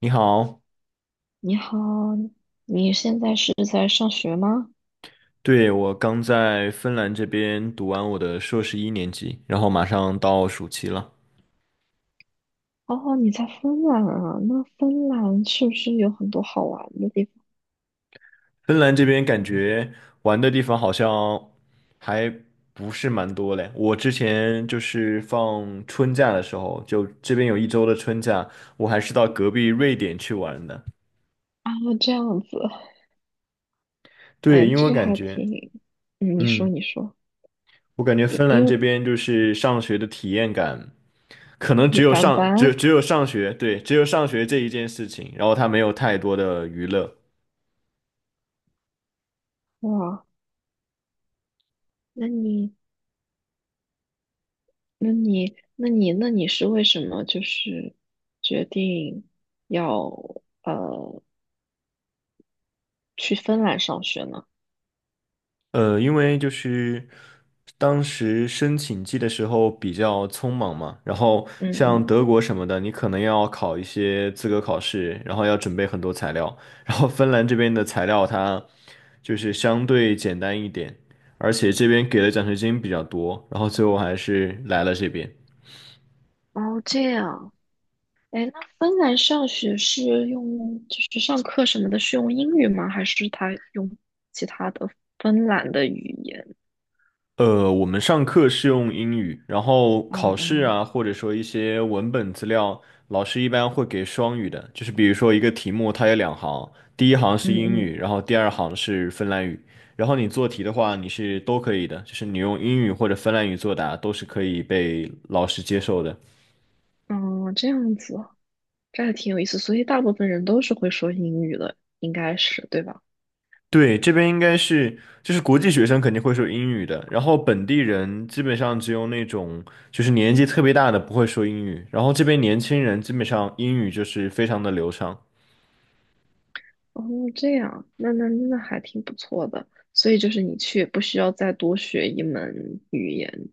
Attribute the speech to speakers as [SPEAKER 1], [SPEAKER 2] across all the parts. [SPEAKER 1] 你好，
[SPEAKER 2] 你好，你现在是在上学吗？
[SPEAKER 1] 对，我刚在芬兰这边读完我的硕士1年级，然后马上到暑期了。
[SPEAKER 2] 哦，你在芬兰啊？那芬兰是不是有很多好玩的地方
[SPEAKER 1] 芬兰这边感觉玩的地方好像还不是蛮多嘞。我之前就是放春假的时候，就这边有1周的春假，我还是到隔壁瑞典去玩的。
[SPEAKER 2] 啊？这样子，
[SPEAKER 1] 对，
[SPEAKER 2] 哎，
[SPEAKER 1] 因为
[SPEAKER 2] 这
[SPEAKER 1] 我
[SPEAKER 2] 个
[SPEAKER 1] 感
[SPEAKER 2] 还
[SPEAKER 1] 觉，
[SPEAKER 2] 挺……嗯，你说，
[SPEAKER 1] 嗯，
[SPEAKER 2] 你说，
[SPEAKER 1] 我感觉
[SPEAKER 2] 因
[SPEAKER 1] 芬兰
[SPEAKER 2] 因
[SPEAKER 1] 这
[SPEAKER 2] 为
[SPEAKER 1] 边就是上学的体验感。可能
[SPEAKER 2] 一
[SPEAKER 1] 只有
[SPEAKER 2] 般
[SPEAKER 1] 上只
[SPEAKER 2] 般
[SPEAKER 1] 只有上学，对，只有上学这一件事情，然后他没有太多的娱乐。
[SPEAKER 2] 哇。那你，那你是为什么就是决定要呃去芬兰上学呢？
[SPEAKER 1] 因为就是当时申请季的时候比较匆忙嘛，然后
[SPEAKER 2] 嗯
[SPEAKER 1] 像
[SPEAKER 2] 嗯，
[SPEAKER 1] 德国什么的，你可能要考一些资格考试，然后要准备很多材料，然后芬兰这边的材料它就是相对简单一点，而且这边给的奖学金比较多，然后最后还是来了这边。
[SPEAKER 2] 哦，这样，哎，那芬兰上学是用，就是上课什么的，是用英语吗？还是他用其他的芬兰的语言？
[SPEAKER 1] 我们上课是用英语，然后考
[SPEAKER 2] 嗯
[SPEAKER 1] 试
[SPEAKER 2] 嗯。
[SPEAKER 1] 啊，或者说一些文本资料，老师一般会给双语的，就是比如说一个题目，它有两行，第一行是
[SPEAKER 2] 嗯
[SPEAKER 1] 英
[SPEAKER 2] 嗯
[SPEAKER 1] 语，然后第二行是芬兰语，然后你做题的话，你是都可以的，就是你用英语或者芬兰语作答都是可以被老师接受的。
[SPEAKER 2] 嗯，这样子，这还挺有意思。所以大部分人都是会说英语的，应该是，对吧？
[SPEAKER 1] 对，这边应该是就是国际学生肯定会说英语的，然后本地人基本上只有那种就是年纪特别大的不会说英语，然后这边年轻人基本上英语就是非常的流畅。
[SPEAKER 2] 哦，这样，那还挺不错的。所以就是你去也不需要再多学一门语言。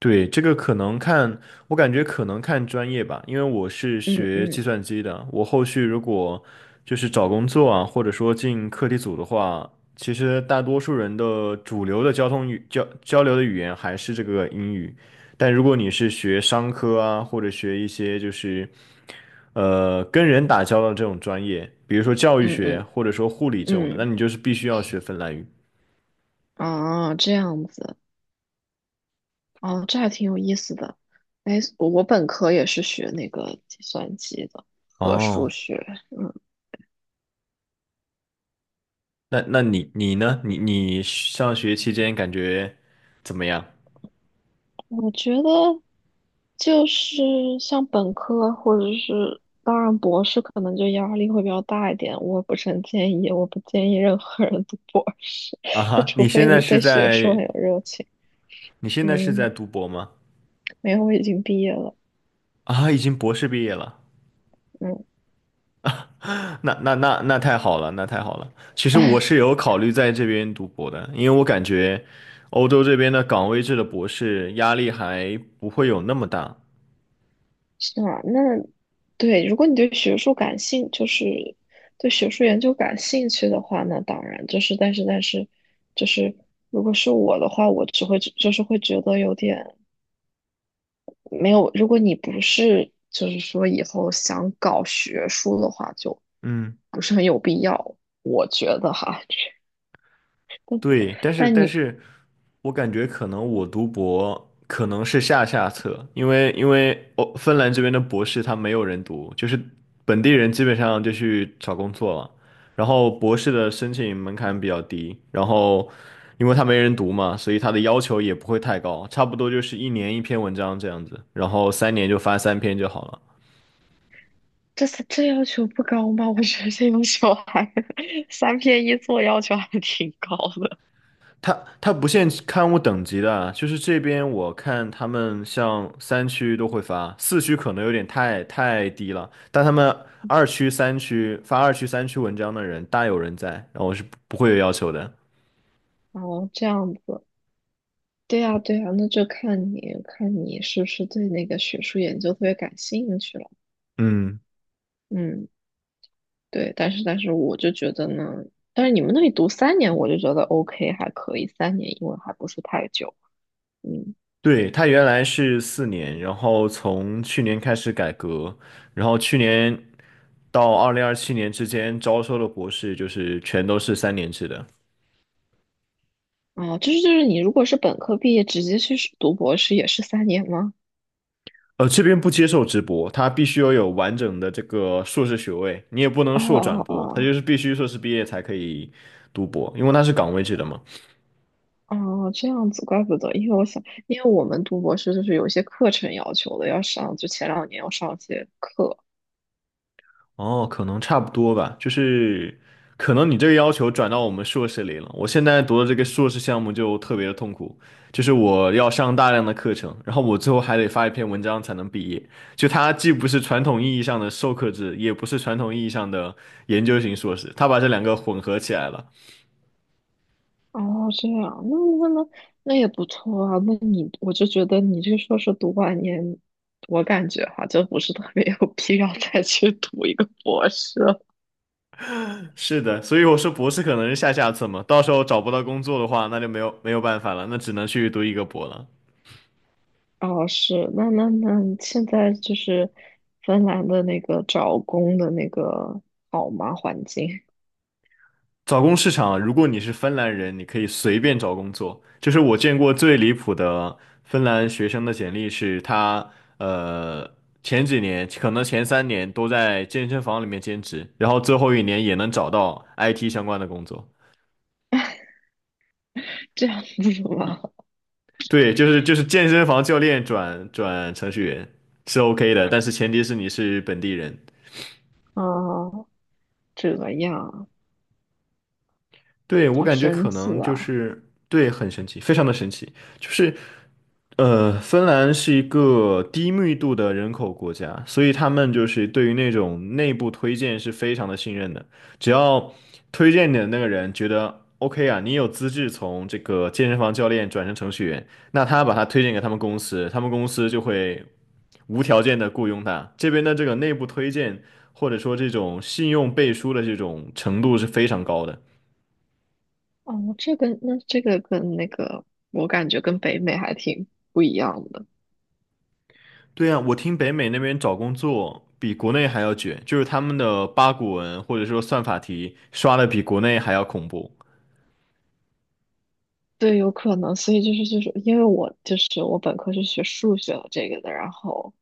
[SPEAKER 1] 对，这个可能看，我感觉可能看专业吧，因为我是
[SPEAKER 2] 嗯
[SPEAKER 1] 学计
[SPEAKER 2] 嗯
[SPEAKER 1] 算机的，我后续如果就是找工作啊，或者说进课题组的话，其实大多数人的主流的交流的语言还是这个英语，但如果你是学商科啊，或者学一些就是跟人打交道的这种专业，比如说教育
[SPEAKER 2] 嗯
[SPEAKER 1] 学
[SPEAKER 2] 嗯
[SPEAKER 1] 或者说护理这种的，那
[SPEAKER 2] 嗯，
[SPEAKER 1] 你就是必须要学芬兰语。
[SPEAKER 2] 啊，这样子。哦，这还挺有意思的。哎，我本科也是学那个计算机的和数
[SPEAKER 1] 哦。
[SPEAKER 2] 学。
[SPEAKER 1] 那你呢？你上学期间感觉怎么样？
[SPEAKER 2] 我觉得就是像本科或者是，当然博士可能就压力会比较大一点。我不是很建议，我不建议任何人读博士，
[SPEAKER 1] 啊
[SPEAKER 2] 就
[SPEAKER 1] 哈，
[SPEAKER 2] 除
[SPEAKER 1] 你现
[SPEAKER 2] 非
[SPEAKER 1] 在
[SPEAKER 2] 你
[SPEAKER 1] 是
[SPEAKER 2] 对学术
[SPEAKER 1] 在
[SPEAKER 2] 很有热情。
[SPEAKER 1] 你现在是
[SPEAKER 2] 嗯，
[SPEAKER 1] 在读博吗？
[SPEAKER 2] 没有，我已经毕业了。
[SPEAKER 1] 啊，已经博士毕业了。
[SPEAKER 2] 嗯。
[SPEAKER 1] 那太好了，那太好了。其实我是有考虑在这边读博的，因为我感觉欧洲这边的岗位制的博士压力还不会有那么大。
[SPEAKER 2] 是啊，那对，如果你对学术感兴，就是对学术研究感兴趣的话，那当然就是，但是就是，如果是我的话，我只会就是会觉得有点没有。如果你不是就是说以后想搞学术的话，就
[SPEAKER 1] 嗯。
[SPEAKER 2] 不是很有必要，我觉得哈。
[SPEAKER 1] 对，但是
[SPEAKER 2] 但
[SPEAKER 1] 但
[SPEAKER 2] 你
[SPEAKER 1] 是我感觉可能我读博可能是下下策，因为，芬兰这边的博士他没有人读，就是本地人基本上就去找工作了，然后博士的申请门槛比较低，然后因为他没人读嘛，所以他的要求也不会太高，差不多就是1年1篇文章这样子，然后3年就发3篇就好了。
[SPEAKER 2] 这这要求不高吗？我觉得这种小孩 三篇一作要求还挺高的。
[SPEAKER 1] 它它不限刊物等级的啊，就是这边我看他们像三区都会发，4区可能有点太低了，但他们2区、3区发2区、3区文章的人大有人在，然后我是不会有要求的。
[SPEAKER 2] 哦，这样子。对呀，对呀，那就看你看你是不是对那个学术研究特别感兴趣了。
[SPEAKER 1] 嗯，
[SPEAKER 2] 嗯，对，但是我就觉得呢，但是你们那里读三年，我就觉得 OK 还可以，三年因为还不是太久。嗯，
[SPEAKER 1] 对，他原来是四年，然后从去年开始改革，然后去年到2027年之间招收的博士就是全都是3年制的。
[SPEAKER 2] 哦，就是你如果是本科毕业直接去读博士也是三年吗？
[SPEAKER 1] 这边不接受直播，他必须要有完整的这个硕士学位，你也不能
[SPEAKER 2] 哦
[SPEAKER 1] 硕转
[SPEAKER 2] 哦
[SPEAKER 1] 博，他就
[SPEAKER 2] 哦
[SPEAKER 1] 是必须硕士毕业才可以读博，因为他是岗位制的嘛。
[SPEAKER 2] 哦，这样子，怪不得，因为我想，因为我们读博士就是有一些课程要求的，要上，就前两年要上一些课，
[SPEAKER 1] 哦，可能差不多吧，就是可能你这个要求转到我们硕士里了。我现在读的这个硕士项目就特别的痛苦，就是我要上大量的课程，然后我最后还得发一篇文章才能毕业。就它既不是传统意义上的授课制，也不是传统意义上的研究型硕士，它把这两个混合起来了。
[SPEAKER 2] 哦，这样，那那也不错啊。那你，我就觉得你这个硕士读完研，我感觉哈，就不是特别有必要再 去读一个博士了。
[SPEAKER 1] 是的，所以我说博士可能是下下策嘛，到时候找不到工作的话，那就没有办法了，那只能去读一个博了。
[SPEAKER 2] 哦，是，那现在就是芬兰的那个找工的那个好吗？环境
[SPEAKER 1] 找工市场啊，如果你是芬兰人，你可以随便找工作。就是我见过最离谱的芬兰学生的简历是他，呃，前几年可能前3年都在健身房里面兼职，然后最后1年也能找到 IT 相关的工作。
[SPEAKER 2] 这样子吗？
[SPEAKER 1] 对，就是健身房教练转程序员是 OK 的，但是前提是你是本地人。
[SPEAKER 2] 啊，这样，
[SPEAKER 1] 对，我
[SPEAKER 2] 好
[SPEAKER 1] 感觉
[SPEAKER 2] 神
[SPEAKER 1] 可能
[SPEAKER 2] 奇
[SPEAKER 1] 就
[SPEAKER 2] 啊！
[SPEAKER 1] 是对，很神奇，非常的神奇。就是，芬兰是一个低密度的人口国家，所以他们就是对于那种内部推荐是非常的信任的。只要推荐你的那个人觉得 OK 啊，你有资质从这个健身房教练转成程序员，那他把他推荐给他们公司，他们公司就会无条件的雇佣他。这边的这个内部推荐或者说这种信用背书的这种程度是非常高的。
[SPEAKER 2] 哦，这个那这个跟那个，我感觉跟北美还挺不一样的。
[SPEAKER 1] 对呀，我听北美那边找工作比国内还要卷，就是他们的八股文或者说算法题刷的比国内还要恐怖。
[SPEAKER 2] 对，有可能，所以就是因为我本科是学数学这个的，然后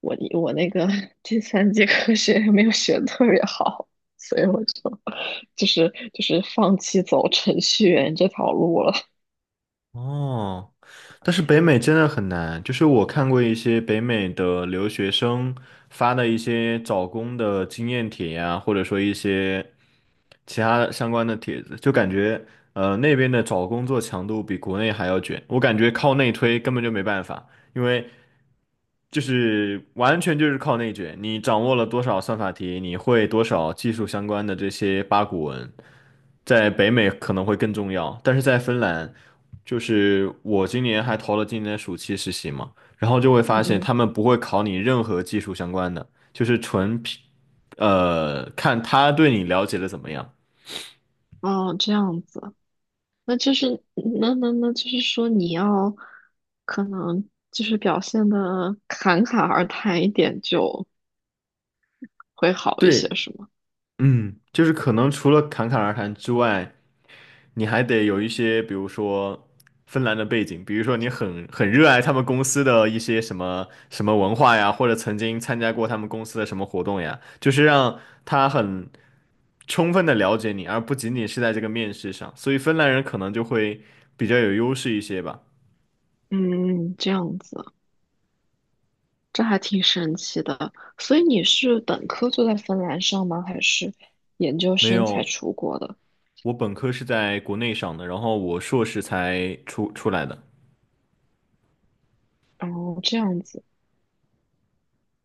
[SPEAKER 2] 我那个 第三节课学也没有学得特别好，所以我就就是放弃走程序员这条路了。
[SPEAKER 1] 哦，但是北美真的很难，就是我看过一些北美的留学生发的一些找工的经验帖呀，或者说一些。其他相关的帖子，就感觉那边的找工作强度比国内还要卷，我感觉靠内推根本就没办法，因为就是完全就是靠内卷，你掌握了多少算法题，你会多少技术相关的这些八股文，在北美可能会更重要，但是在芬兰，就是我今年还投了今年的暑期实习嘛，然后就会 发现
[SPEAKER 2] 嗯
[SPEAKER 1] 他们不会考你任何技术相关的，就是纯凭。看他对你了解的怎么样。
[SPEAKER 2] 嗯，哦，这样子，那就是那就是说你要可能就是表现的侃侃而谈一点就会好一些，
[SPEAKER 1] 对，
[SPEAKER 2] 是吗？
[SPEAKER 1] 嗯，就是可能除了侃侃而谈之外，你还得有一些，比如说芬兰的背景，比如说你很热爱他们公司的一些什么什么文化呀，或者曾经参加过他们公司的什么活动呀，就是让他很充分的了解你，而不仅仅是在这个面试上，所以芬兰人可能就会比较有优势一些吧。
[SPEAKER 2] 嗯，这样子。这还挺神奇的。所以你是本科就在芬兰上吗？还是研究
[SPEAKER 1] 没
[SPEAKER 2] 生才
[SPEAKER 1] 有，
[SPEAKER 2] 出国的？
[SPEAKER 1] 我本科是在国内上的，然后我硕士才出来的。
[SPEAKER 2] 哦，这样子，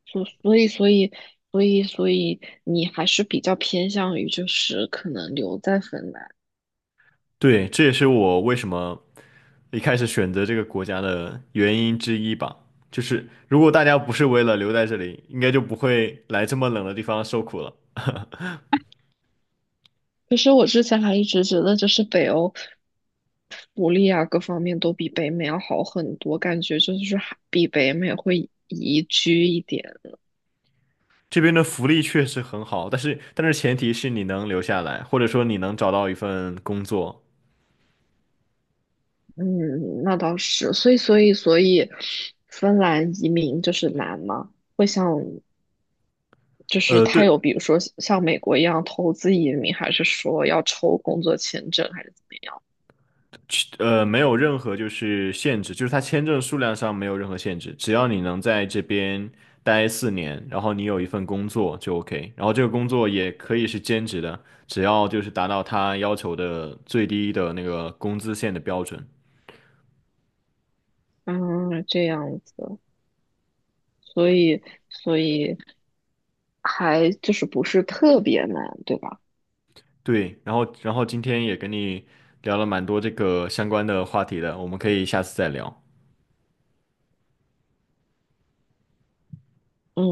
[SPEAKER 2] 所所以所以所以你还是比较偏向于就是可能留在芬兰。
[SPEAKER 1] 对，这也是我为什么一开始选择这个国家的原因之一吧。就是如果大家不是为了留在这里，应该就不会来这么冷的地方受苦了。
[SPEAKER 2] 其实我之前还一直觉得就是北欧福利啊各方面都比北美要好很多，感觉就是还比北美会宜居一点。
[SPEAKER 1] 这边的福利确实很好，但是前提是你能留下来，或者说你能找到一份工作。
[SPEAKER 2] 嗯，那倒是，所以，芬兰移民就是难吗？会像就是他
[SPEAKER 1] 对，
[SPEAKER 2] 有，比如说像美国一样投资移民，还是说要抽工作签证，还是怎么样？
[SPEAKER 1] 没有任何就是限制，就是它签证数量上没有任何限制，只要你能在这边待四年，然后你有一份工作就 OK，然后这个工作也可以是兼职的，只要就是达到他要求的最低的那个工资线的标准。
[SPEAKER 2] 嗯，这样子，所以所以还就是不是特别难，对吧？
[SPEAKER 1] 对，然后今天也跟你聊了蛮多这个相关的话题的，我们可以下次再聊。
[SPEAKER 2] 嗯